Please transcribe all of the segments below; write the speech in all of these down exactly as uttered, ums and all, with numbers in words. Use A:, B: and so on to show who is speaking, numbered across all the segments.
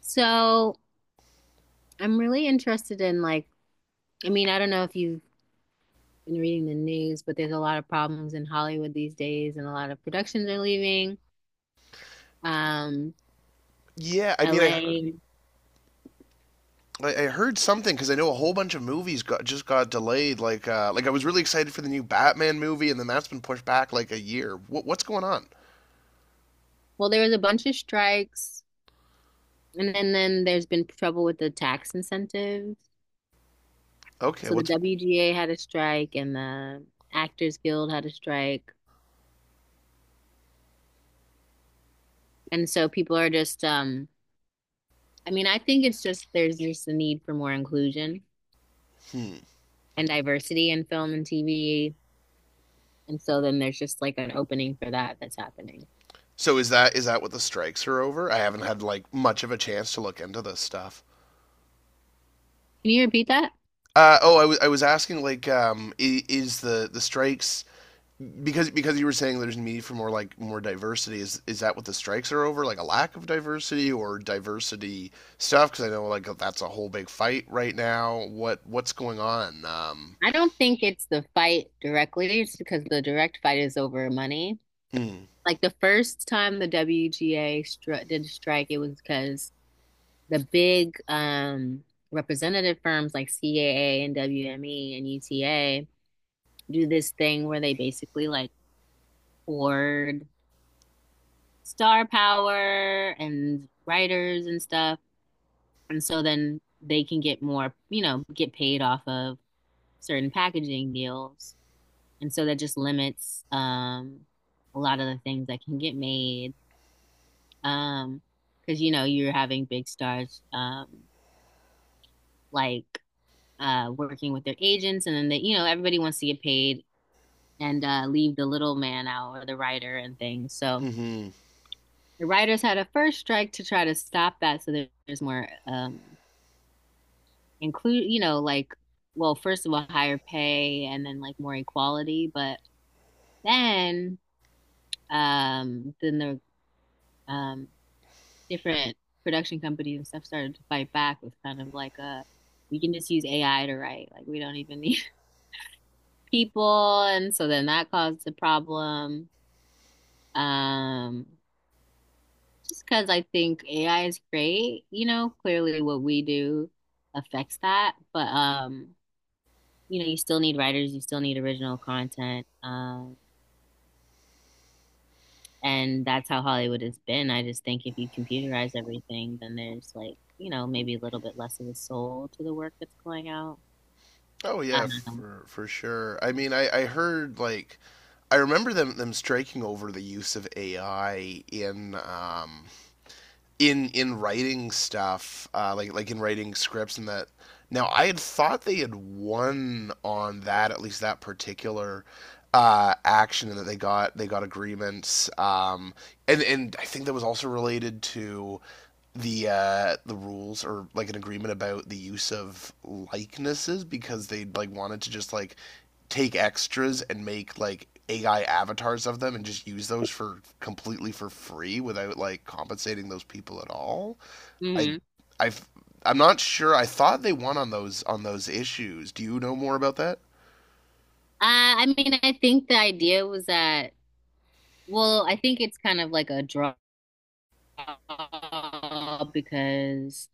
A: So I'm really interested in like, I mean, I don't know if you've been reading the news, but there's a lot of problems in Hollywood these days, and a lot of productions are leaving. Um,
B: Yeah, I mean, I
A: L A.
B: I heard something because I know a whole bunch of movies got just got delayed. Like, uh, like I was really excited for the new Batman movie, and then that's been pushed back like a year. What what's going on?
A: Well, there was a bunch of strikes, and then, then there's been trouble with the tax incentives.
B: Okay,
A: So the
B: what's.
A: W G A had a strike, and the Actors Guild had a strike. And so people are just um I mean, I think it's just there's just a need for more inclusion
B: Hmm.
A: and diversity in film and T V. And so then there's just like an opening for that that's happening.
B: So is that is that what the strikes are over? I haven't had like much of a chance to look into this stuff.
A: Can you repeat that?
B: Uh, oh, I was I was asking like, um, i- is the the strikes because because you were saying there's a need for more like more diversity. Is is that what the strikes are over, like a lack of diversity or diversity stuff? Because I know like that's a whole big fight right now. What what's going on? Um
A: I don't think it's the fight directly. It's because the direct fight is over money.
B: hmm.
A: Like the first time the W G A stri- did strike, it was because the big um, representative firms like C A A and W M E and U T A do this thing where they basically like hoard star power and writers and stuff. And so then they can get more, you know, get paid off of certain packaging deals. And so that just limits um a lot of the things that can get made. Um, because you know, you're having big stars um like uh working with their agents and then they, you know, everybody wants to get paid and uh leave the little man out or the writer and things. So
B: Mm-hmm.
A: the writers had a first strike to try to stop that so there's more um include, you know, like, well, first of all, higher pay and then like more equality, but then um then the um different production companies and stuff started to fight back with kind of like a we can just use A I to write. Like we don't even need people. And so then that caused a problem. Um just because I think A I is great, you know, clearly what we do affects that. But um you know, you still need writers, you still need original content. Um, and that's how Hollywood has been. I just think if you computerize everything, then there's like, you know, maybe a little bit less of a soul to the work that's going out.
B: Oh yeah,
A: Um,
B: for for sure. I mean I I heard like I remember them them striking over the use of A I in um in in writing stuff, uh, like like in writing scripts and that. Now I had thought they had won on that, at least that particular uh, action, and that they got they got agreements. Um, and and I think that was also related to the uh, the rules, or like an agreement about the use of likenesses, because they like wanted to just like take extras and make like A I avatars of them and just use those for completely for free without like compensating those people at all. I
A: mhm. Uh,
B: I I'm not sure. I thought they won on those on those issues. Do you know more about that?
A: I mean, I think the idea was that, well, I think it's kind of like a draw because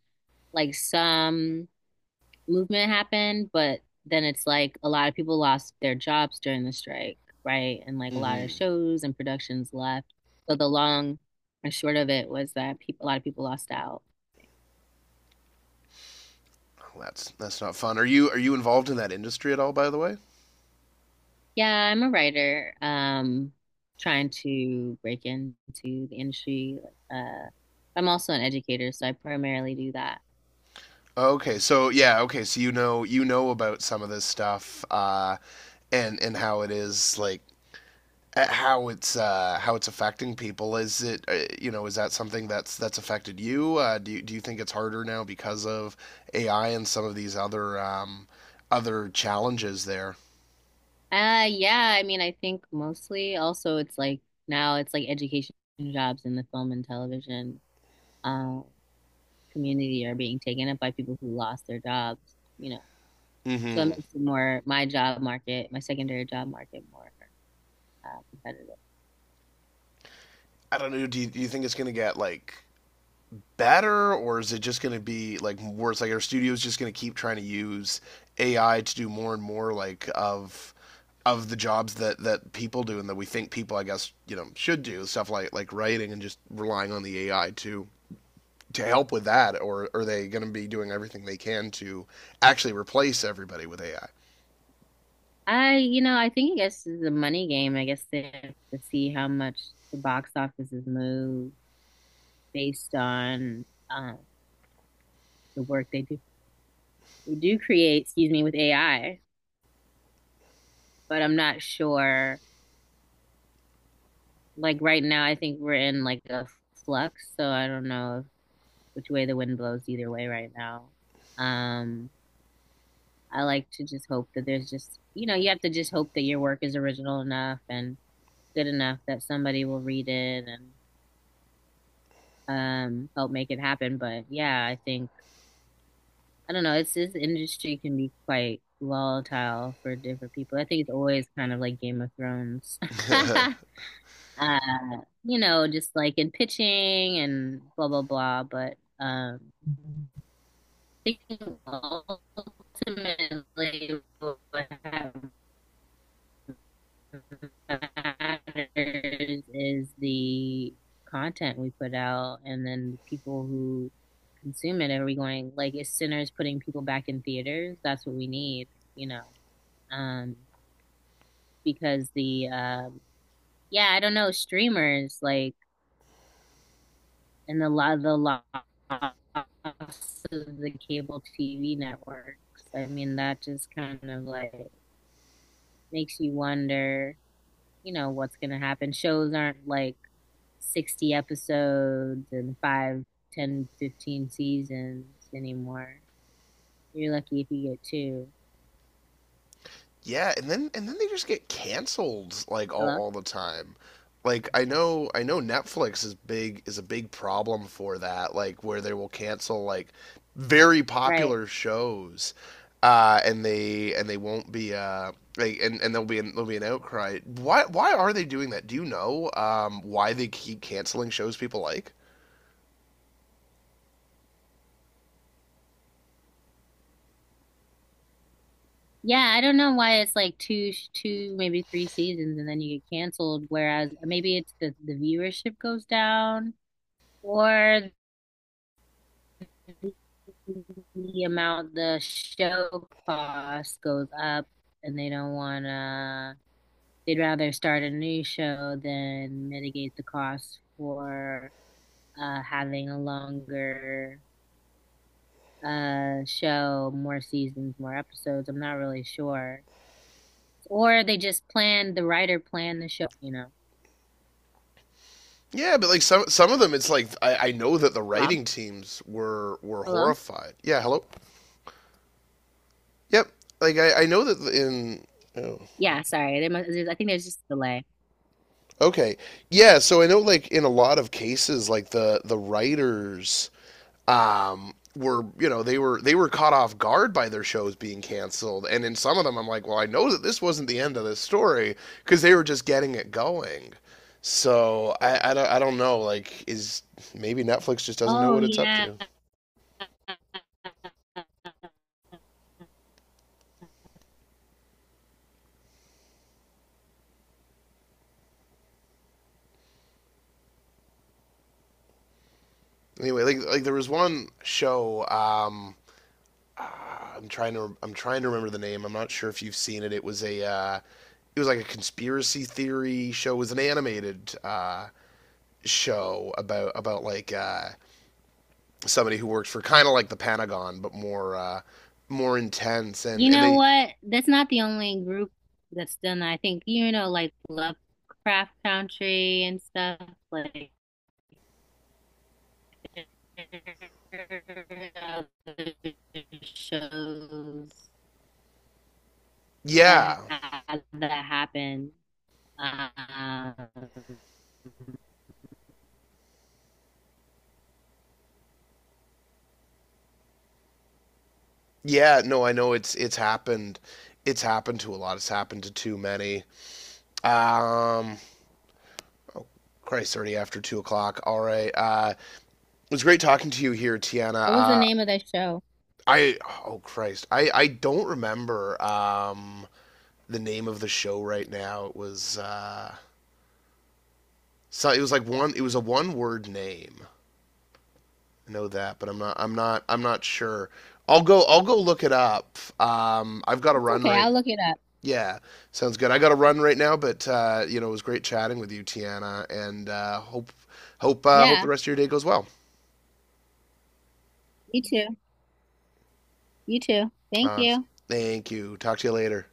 A: like some movement happened, but then it's like a lot of people lost their jobs during the strike, right? And like a lot of
B: Mm-hmm.
A: shows and productions left. So the long and short of it was that peop a lot of people lost out.
B: That's that's not fun. Are you are you involved in that industry at all, by the way?
A: Yeah, I'm a writer, um, trying to break into the industry. Like, Uh, I'm also an educator, so I primarily do that.
B: Okay, so yeah, okay, so you know you know about some of this stuff, uh and and how it is like at how it's uh, how it's affecting people. Is it, uh, you know, is that something that's that's affected you? Uh, do you, do you think it's harder now because of A I and some of these other um, other challenges there?
A: Uh, yeah, I mean, I think mostly also it's like now it's like education jobs in the film and television. Um, community are being taken up by people who lost their jobs, you know. So it
B: Mm-hmm.
A: makes it more my job market, my secondary job market more uh, competitive.
B: I don't know. Do you, do you think it's going to get like better, or is it just going to be like worse? Like our studio's just going to keep trying to use A I to do more and more like of of the jobs that that people do, and that we think people, I guess, you know, should do, stuff like like writing, and just relying on the A I to to help with that? Or are they going to be doing everything they can to actually replace everybody with
A: I, you know, I think I guess it's a money game. I guess they have to see how much the box offices move based on um, the work they do. We do create, excuse me, with A I. But I'm not sure. Like right now, I think we're in like a flux, so I don't know which way the wind blows either way right now. Um, I like to just hope that there's just, you know, you have to just hope that your work is original enough and good enough that somebody will read it and um help make it happen. But yeah, I think, I don't know, it's this industry can be quite volatile for different people. I think it's always kind of like Game of Thrones.
B: A I?
A: Uh, you know, just like in pitching and blah blah blah, but um I think ultimately what happens matters is the content we put out and then the people who consume it. Are we going, like, is Sinners putting people back in theaters? That's what we need, you know? Um, because the, um, yeah, I don't know, streamers, like, and the lot, the loss of the cable T V networks. I mean, that just kind of like makes you wonder, you know, what's going to happen. Shows aren't like sixty episodes and five, ten, fifteen seasons anymore. You're lucky if you get two.
B: yeah, and then and then they just get canceled like all,
A: Hello?
B: all the time. Like I know I know Netflix is big, is a big problem for that. Like where they will cancel like very
A: Right.
B: popular shows, uh, and they and they won't be uh like, and, and there'll be an, there'll be an outcry. Why why are they doing that? Do you know, um, why they keep canceling shows people like?
A: Yeah, I don't know why it's like two, two, maybe three seasons and then you get canceled, whereas maybe it's the, the viewership goes down or the, the amount the show cost goes up and they don't want to, they'd rather start a new show than mitigate the cost for uh, having a longer uh, show, more seasons, more episodes. I'm not really sure. Or they just planned, the writer planned the show, you know.
B: Yeah, but like some some of them, it's like I, I know that the
A: Rob,
B: writing teams were were
A: hello?
B: horrified. Yeah, hello. Yep. Like I, I know that in, oh,
A: Yeah, sorry. There must, I think there's just a delay.
B: okay, yeah. So I know like in a lot of cases, like the the writers, um were, you know, they were they were caught off guard by their shows being canceled. And in some of them, I'm like, well, I know that this wasn't the end of this story, because they were just getting it going. So I, I, don't, I don't know, like, is maybe Netflix just doesn't know
A: Oh,
B: what it's up
A: yeah.
B: to. Anyway, like like there was one show. Um, ah, I'm trying to I'm trying to remember the name. I'm not sure if you've seen it. It was a uh, it was like a conspiracy theory show. It was an animated uh, show about about like, uh, somebody who worked for kind of like the Pentagon, but more, uh, more intense. And
A: You
B: and
A: know
B: they,
A: what? That's not the only group that's done that. I think, you know, like Lovecraft Country and stuff, like other shows. that
B: yeah.
A: had that happened. Um,
B: Yeah, no, I know it's it's happened, it's happened to a lot. It's happened to too many. Um, Christ, already after two o'clock. All right. Uh, It was great talking to you here, Tiana.
A: what was the
B: Uh,
A: name of that show?
B: I Oh Christ, I I don't remember um the name of the show right now. It was uh so it was like one, it was a one word name. I know that, but I'm not I'm not I'm not sure. I'll go I'll go look it up. Um, I've got to
A: It's
B: run
A: okay.
B: right.
A: I'll look it up.
B: Yeah, sounds good. I got to run right now, but uh, you know, it was great chatting with you, Tiana, and uh hope hope uh hope the
A: Yeah,
B: rest of your day goes well.
A: you too. You too. Thank
B: Uh
A: you.
B: Thank you. Talk to you later.